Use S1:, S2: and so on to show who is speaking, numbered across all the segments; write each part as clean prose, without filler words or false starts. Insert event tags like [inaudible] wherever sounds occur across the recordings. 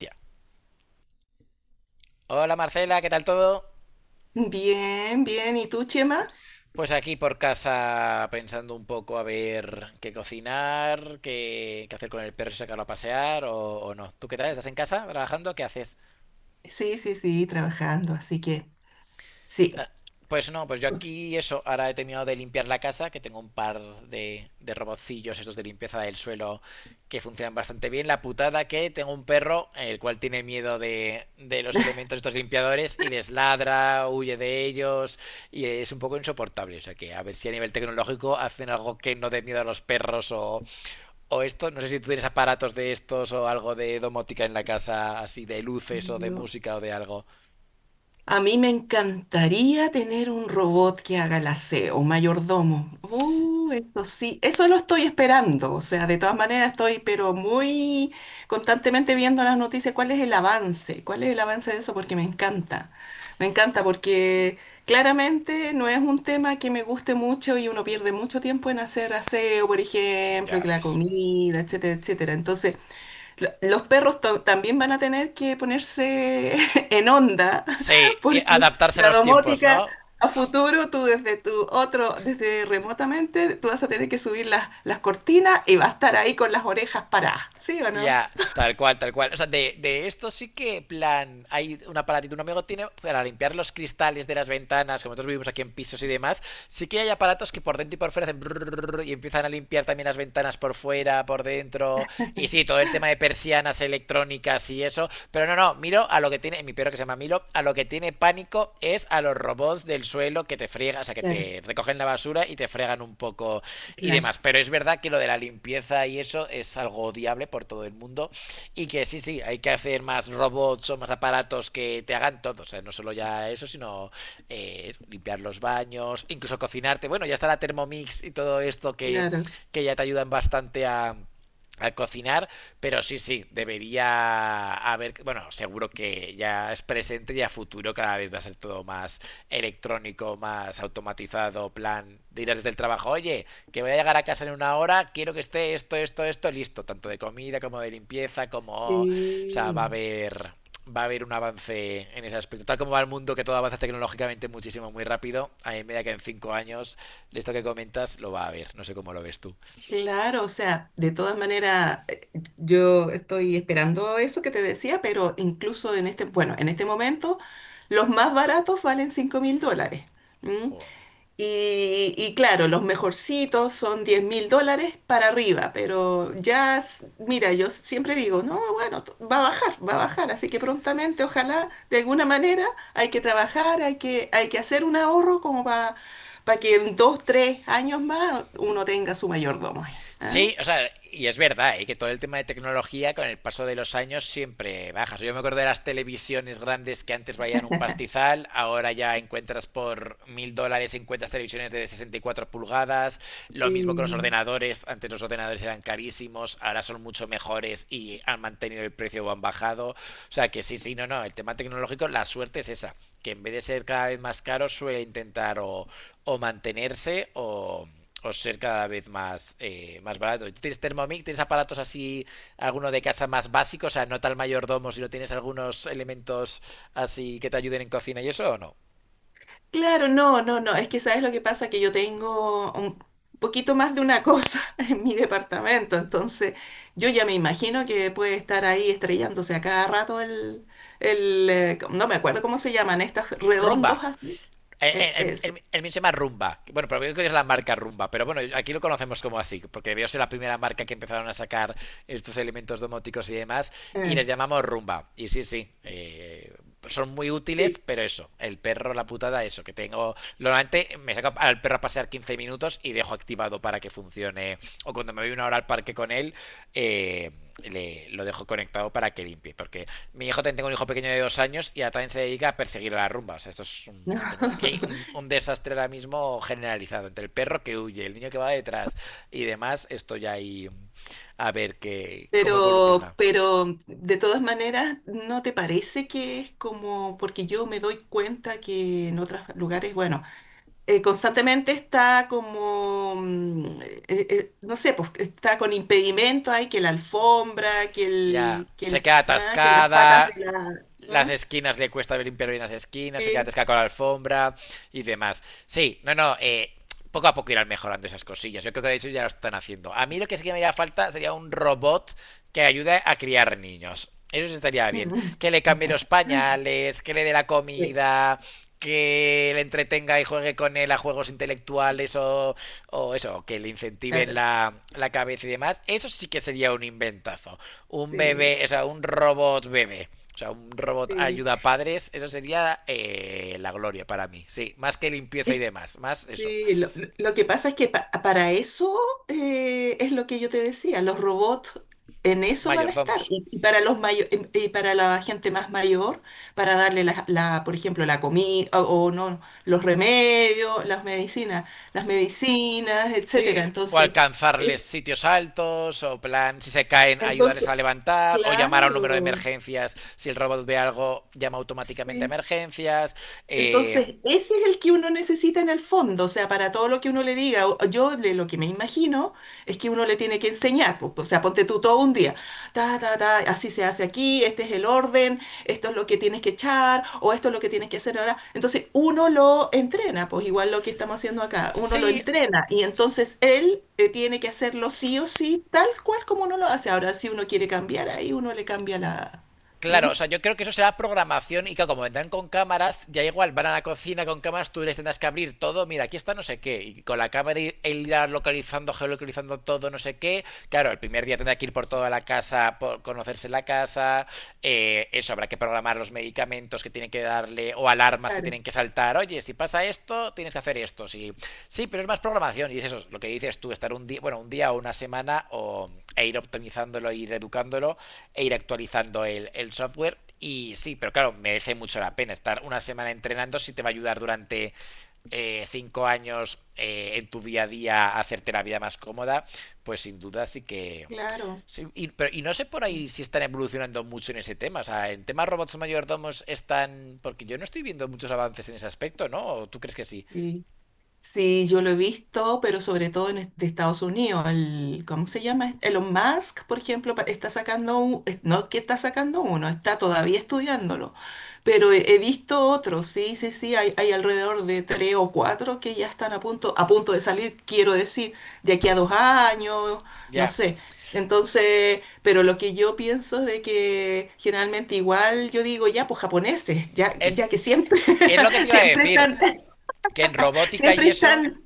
S1: Ya. Hola Marcela, ¿qué tal todo?
S2: Bien, bien. ¿Y tú, Chema?
S1: Pues aquí por casa pensando un poco a ver qué cocinar, qué hacer con el perro, si sacarlo a pasear o no. ¿Tú qué tal? ¿Estás en casa trabajando? ¿Qué haces?
S2: Sí, sí, sí, trabajando. Así que sí.
S1: Ah. Pues no, pues yo aquí eso, ahora he terminado de limpiar la casa, que tengo un par de robotcillos estos de limpieza del suelo que funcionan bastante bien. La putada que tengo un perro, el cual tiene miedo de los elementos estos limpiadores y les ladra, huye de ellos y es un poco insoportable. O sea que a ver si a nivel tecnológico hacen algo que no dé miedo a los perros o esto. No sé si tú tienes aparatos de estos o algo de domótica en la casa, así de luces o de
S2: No.
S1: música o de algo.
S2: A mí me encantaría tener un robot que haga el aseo, un mayordomo. Eso sí, eso lo estoy esperando. O sea, de todas maneras estoy, pero muy constantemente viendo las noticias, cuál es el avance, cuál es el avance de eso, porque me encanta. Me encanta porque claramente no es un tema que me guste mucho y uno pierde mucho tiempo en hacer aseo, por ejemplo, y
S1: Ya
S2: que la
S1: ves.
S2: comida, etcétera, etcétera. Entonces, los perros también van a tener que ponerse [laughs] en onda,
S1: Sí,
S2: porque
S1: adaptarse a
S2: la
S1: los tiempos,
S2: domótica
S1: ¿no?
S2: a futuro, tú desde tu otro, desde remotamente, tú vas a tener que subir las cortinas y va a estar ahí con las orejas paradas, ¿sí o no?
S1: Ya, tal cual, tal cual. O sea, de esto sí que, plan, hay un aparatito, un amigo tiene para limpiar los cristales de las ventanas, como nosotros vivimos aquí en pisos y demás, sí que hay aparatos que por dentro y por fuera hacen brrrr y empiezan a limpiar también las ventanas por fuera, por dentro, y sí, todo el tema de persianas electrónicas y eso, pero no, no, miro a lo que tiene, mi perro que se llama Milo, a lo que tiene pánico es a los robots del suelo que te friegan, o sea, que
S2: Claro,
S1: te recogen la basura y te fregan un poco y demás.
S2: claro,
S1: Pero es verdad que lo de la limpieza y eso es algo odiable por todo el mundo y que sí, sí, hay que hacer más robots o más aparatos que te hagan todo. O sea, no solo ya eso, sino limpiar los baños, incluso cocinarte. Bueno, ya está la Thermomix y todo esto que,
S2: claro.
S1: que ya te ayudan bastante a al cocinar, pero sí, sí, debería haber, bueno, seguro que ya es presente y a futuro cada vez va a ser todo más electrónico, más automatizado, plan, dirás desde el trabajo, oye, que voy a llegar a casa en una hora, quiero que esté esto, esto, esto listo, tanto de comida como de limpieza, como... O sea,
S2: Sí,
S1: Va a haber un avance en ese aspecto. Tal como va el mundo, que todo avanza tecnológicamente muchísimo, muy rápido, a mí me da que en 5 años, esto que comentas, lo va a haber. No sé cómo lo ves tú.
S2: claro, o sea, de todas maneras, yo estoy esperando eso que te decía, pero incluso en este, bueno, en este momento, los más baratos valen 5000 dólares.
S1: O-
S2: Y claro, los mejorcitos son 10 000 dólares para arriba, pero ya, mira, yo siempre digo, no, bueno, va a bajar, así que prontamente, ojalá, de alguna manera, hay que trabajar, hay que hacer un ahorro como para que en 2, 3 años más uno tenga su mayordomo ahí. ¿Ah?
S1: Sí, o sea, y es verdad, ¿eh? Que todo el tema de tecnología con el paso de los años siempre baja. O sea, yo me acuerdo de las televisiones grandes que antes valían un pastizal, ahora ya encuentras por 1000 dólares, encuentras televisiones de 64 pulgadas, lo mismo con los ordenadores, antes los ordenadores eran carísimos, ahora son mucho mejores y han mantenido el precio o han bajado. O sea, que sí, sí, no, no, el tema tecnológico, la suerte es esa, que en vez de ser cada vez más caro, suele intentar o mantenerse o ser cada vez más, más barato. ¿Tú tienes Thermomix? ¿Tienes aparatos así, alguno de casa más básicos? O sea, no tal mayordomo, si no tienes algunos elementos así que te ayuden en cocina y eso o no.
S2: Claro, no, no, no, es que sabes lo que pasa, que yo tengo un poquito más de una cosa [laughs] en mi departamento, entonces yo ya me imagino que puede estar ahí estrellándose a cada rato el, no me acuerdo cómo se llaman, estas
S1: Rumba.
S2: redondos así,
S1: El,
S2: eso,
S1: el, el mío se llama Rumba. Bueno, pero creo que es la marca Rumba. Pero bueno, aquí lo conocemos como así, porque debió ser la primera marca que empezaron a sacar estos elementos domóticos y demás. Y
S2: eh,
S1: les llamamos Rumba. Y sí, sí, son muy útiles,
S2: sí.
S1: pero eso, el perro, la putada, eso, que tengo. Normalmente me saco al perro para pasear 15 minutos y dejo activado para que funcione. O cuando me voy una hora al parque con él, eh, lo dejo conectado para que limpie. Porque mi hijo también tengo un hijo pequeño de 2 años y ahora también se dedica a perseguir a la rumba. O sea, tengo aquí un,
S2: [laughs]
S1: un desastre ahora mismo generalizado. Entre el perro que huye, el niño que va detrás y demás, esto ya hay a ver qué cómo evoluciona.
S2: Pero de todas maneras, ¿no te parece que es como? Porque yo me doy cuenta que en otros lugares, bueno, constantemente está como, no sé, pues está con impedimento, hay que la alfombra,
S1: Ya, se queda
S2: que las patas de
S1: atascada,
S2: la...
S1: las
S2: ah.
S1: esquinas le cuesta limpiar bien las esquinas, se queda
S2: Sí.
S1: atascada con la alfombra y demás. Sí, no, no, poco a poco irán mejorando esas cosillas. Yo creo que de hecho ya lo están haciendo. A mí lo que sí que me haría falta sería un robot que ayude a criar niños. Eso sí estaría bien. Que
S2: [laughs]
S1: le cambie los pañales, que le dé la
S2: Sí,
S1: comida, que le entretenga y juegue con él a juegos intelectuales o eso, que le incentiven
S2: claro,
S1: la cabeza y demás, eso sí que sería un inventazo un
S2: sí,
S1: bebé, o sea, un robot bebé. O sea, un robot
S2: sí.
S1: ayuda a padres, eso sería la gloria para mí. Sí, más que limpieza y demás, más eso.
S2: Sí, lo que pasa es que para eso es lo que yo te decía, los robots en eso van a estar.
S1: Mayordomos.
S2: Y para los mayo- em- y para la gente más mayor, para darle la, por ejemplo, la comida o no, los remedios, las medicinas, etcétera.
S1: Sí, o
S2: Entonces,
S1: alcanzarles
S2: es,
S1: sitios altos, o plan, si se caen, ayudarles
S2: entonces,
S1: a levantar, o llamar a un número de
S2: claro,
S1: emergencias. Si el robot ve algo, llama automáticamente a
S2: sí.
S1: emergencias. Eh,
S2: Entonces, ese es el que uno necesita en el fondo, o sea, para todo lo que uno le diga, yo lo que me imagino es que uno le tiene que enseñar, pues o sea, ponte tú todo un día, ta, ta, ta, así se hace aquí, este es el orden, esto es lo que tienes que echar, o esto es lo que tienes que hacer ahora. Entonces, uno lo entrena, pues igual lo que estamos haciendo acá, uno lo
S1: sí,
S2: entrena y entonces él tiene que hacerlo sí o sí, tal cual como uno lo hace. Ahora, si uno quiere cambiar, ahí uno le cambia la... ¿Mm?
S1: claro, o sea, yo creo que eso será programación y que como vendrán con cámaras, ya igual van a la cocina con cámaras, tú les tendrás que abrir todo, mira, aquí está no sé qué, y con la cámara irás localizando, geolocalizando todo, no sé qué. Claro, el primer día tendrá que ir por toda la casa, por conocerse la casa, eso, habrá que programar los medicamentos que tienen que darle o alarmas que
S2: Claro,
S1: tienen que saltar, oye, si pasa esto, tienes que hacer esto, sí, sí, pero es más programación y es eso, lo que dices tú, estar un día, bueno, un día o una semana o, e ir optimizándolo, ir educándolo e ir actualizando el software. Y sí, pero claro, merece mucho la pena estar una semana entrenando si te va a ayudar durante 5 años en tu día a día a hacerte la vida más cómoda, pues sin duda sí que...
S2: claro.
S1: sí, y no sé por ahí si están evolucionando mucho en ese tema. O sea, en temas robots mayordomos están... Porque yo no estoy viendo muchos avances en ese aspecto, ¿no? ¿O tú crees que sí?
S2: Sí. Sí, yo lo he visto, pero sobre todo en de Estados Unidos. El, ¿cómo se llama? Elon Musk, por ejemplo, está sacando un, no que está sacando uno, está todavía estudiándolo. Pero he visto otros, sí, sí, sí, hay alrededor de tres o cuatro que ya están a punto de salir, quiero decir, de aquí a 2 años, no
S1: Ya.
S2: sé. Entonces, pero lo que yo pienso es de que generalmente igual yo digo, ya, pues japoneses, ya,
S1: Es,
S2: ya que siempre,
S1: es lo que
S2: [laughs]
S1: te iba a
S2: siempre
S1: decir.
S2: están,
S1: Que en robótica
S2: siempre
S1: y eso,
S2: están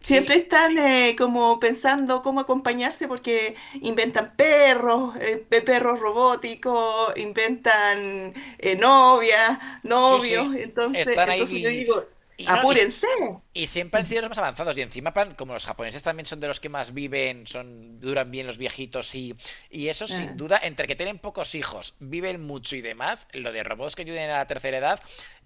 S1: sí.
S2: Siempre están como pensando cómo acompañarse porque inventan perros, perros robóticos, inventan novias,
S1: Sí, sí.
S2: novios. Entonces,
S1: Están
S2: entonces yo
S1: ahí
S2: digo,
S1: y no, y,
S2: apúrense.
S1: y siempre han sido los
S2: [laughs]
S1: más avanzados. Y encima, plan, como los japoneses también son de los que más viven, son duran bien los viejitos y eso, sin
S2: Ah,
S1: duda, entre que tienen pocos hijos, viven mucho y demás, lo de robots que ayuden a la tercera edad,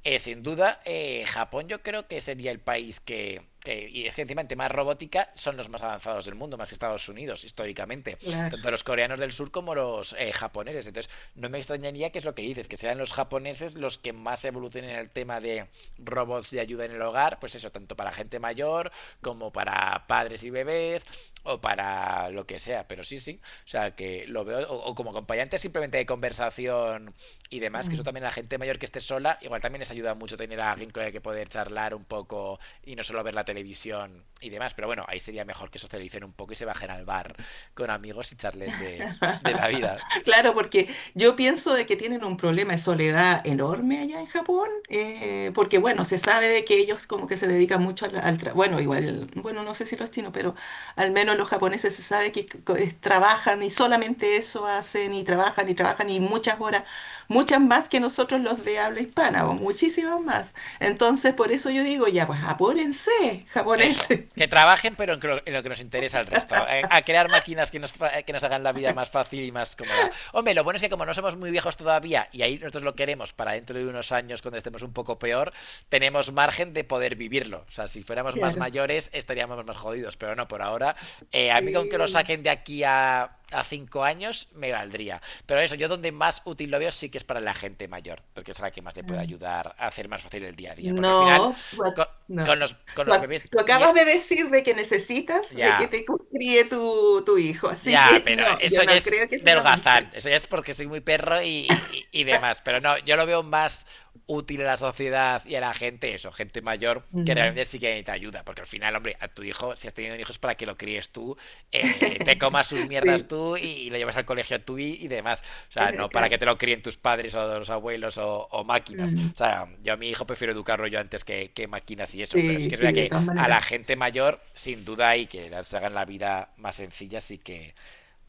S1: sin duda, Japón yo creo que sería el país y es que encima en tema robótica son los más avanzados del mundo, más que Estados Unidos, históricamente.
S2: claro.
S1: Tanto los coreanos del sur como los japoneses. Entonces, no me extrañaría que es lo que dices, que sean los japoneses los que más evolucionen en el tema de robots de ayuda en el hogar, pues eso, tanto para gente mayor como para padres y bebés o para lo que sea. Pero sí, sí, o sea, que lo veo, o como acompañante simplemente de conversación y demás, que eso
S2: Mm.
S1: también a la gente mayor que esté sola, igual también les ayuda mucho tener a alguien con el que poder charlar un poco y no solo ver la televisión y demás. Pero bueno, ahí sería mejor que socialicen un poco y se bajen al bar con amigos y charlen de la
S2: [laughs]
S1: vida.
S2: Claro, porque yo pienso de que tienen un problema de soledad enorme allá en Japón, porque bueno, se sabe de que ellos como que se dedican mucho al, bueno, igual, bueno, no sé si los chinos, pero al menos los japoneses se sabe que trabajan y solamente eso hacen y trabajan y trabajan y muchas horas, muchas más que nosotros los de habla hispana, o muchísimas más. Entonces, por eso yo digo, ya, pues apúrense,
S1: Eso.
S2: japoneses.
S1: Que
S2: [laughs]
S1: trabajen, pero en lo, que nos interesa al resto. Crear máquinas que nos hagan la vida más fácil y más cómoda. Hombre, lo bueno es que como no somos muy viejos todavía, y ahí nosotros lo queremos para dentro de unos años, cuando estemos un poco peor, tenemos margen de poder vivirlo. O sea, si fuéramos más
S2: Claro.
S1: mayores, estaríamos más jodidos. Pero no, por ahora, a mí con que lo
S2: Sí.
S1: saquen de aquí a 5 años, me valdría. Pero eso, yo donde más útil lo veo sí que es para la gente mayor, porque es la que más le puede
S2: Ah.
S1: ayudar a hacer más fácil el día a día. Porque al final...
S2: No, no.
S1: Con los, con
S2: Tú,
S1: los
S2: ac-
S1: bebés.
S2: tú acabas de decir de que necesitas de que
S1: Ya.
S2: te críe tu hijo, así
S1: Ya,
S2: que
S1: pero
S2: no,
S1: eso
S2: yo
S1: ya
S2: no
S1: es
S2: creo que
S1: del gazán.
S2: solamente.
S1: Eso ya es porque soy muy perro y demás. Pero no, yo lo veo más útil a la sociedad y a la gente, eso, gente mayor, que realmente
S2: Mm.
S1: sí que necesita ayuda. Porque al final, hombre, a tu hijo, si has tenido un hijo es para que lo críes tú, te
S2: [laughs]
S1: comas tus mierdas
S2: Sí,
S1: tú y lo llevas al colegio tú y demás. O sea, no para que
S2: claro.
S1: te lo críen tus padres o los abuelos o máquinas.
S2: Mm.
S1: O sea, yo a mi hijo prefiero educarlo yo antes que máquinas y eso. Pero sí
S2: Sí,
S1: que es
S2: sí,
S1: verdad
S2: de
S1: que
S2: todas
S1: a la
S2: maneras.
S1: gente mayor, sin duda, y que les hagan la vida más sencilla, sí que,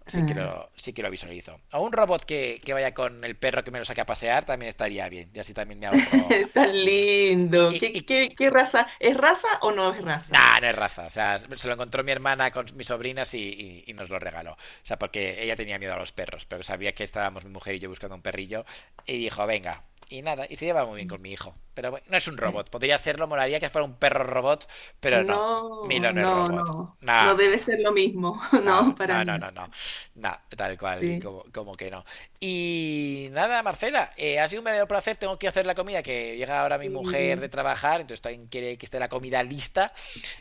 S1: sí que
S2: Ah.
S1: lo, sí que lo visualizo. O un robot que vaya con el perro que me lo saque a pasear también estaría bien. Y así también me ahorro
S2: [laughs] Tan
S1: vida.
S2: lindo.
S1: Y
S2: ¿Qué, qué, qué raza? ¿Es raza o no es raza?
S1: nah, no es raza. O sea, se lo encontró mi hermana con mis sobrinas y nos lo regaló. O sea, porque ella tenía miedo a los perros, pero sabía que estábamos mi mujer y yo buscando un perrillo. Y dijo, venga. Y nada, y se lleva muy bien
S2: Mm.
S1: con mi hijo. Pero bueno, no es un
S2: Eh,
S1: robot. Podría serlo, molaría que fuera un perro robot, pero no. Milo
S2: No,
S1: no es
S2: no,
S1: robot.
S2: no. No
S1: Nah, no,
S2: debe
S1: no.
S2: ser lo mismo. [laughs]
S1: No,
S2: No, para
S1: no, no,
S2: nada.
S1: no, no. No, tal cual,
S2: Sí,
S1: como, que no. Y nada, Marcela, ha sido un verdadero placer. Tengo que hacer la comida, que llega ahora mi mujer de
S2: sí,
S1: trabajar, entonces también quiere que esté la comida lista.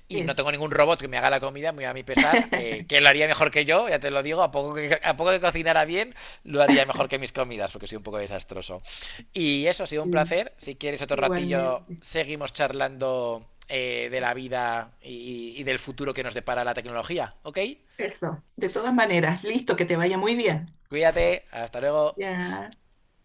S1: Y no tengo
S2: eso.
S1: ningún robot que me haga la comida, muy a mi pesar, que,
S2: [laughs]
S1: que lo haría mejor que yo, ya te lo digo. A poco que cocinara bien, lo haría mejor que mis comidas, porque soy un poco desastroso. Y eso, ha sido un
S2: Mm.
S1: placer. Si quieres otro ratillo,
S2: Igualmente.
S1: seguimos charlando, de la vida y del futuro que nos depara la tecnología, ¿ok?
S2: Eso. De todas maneras, listo, que te vaya muy bien.
S1: Cuídate, hasta luego.
S2: Ya.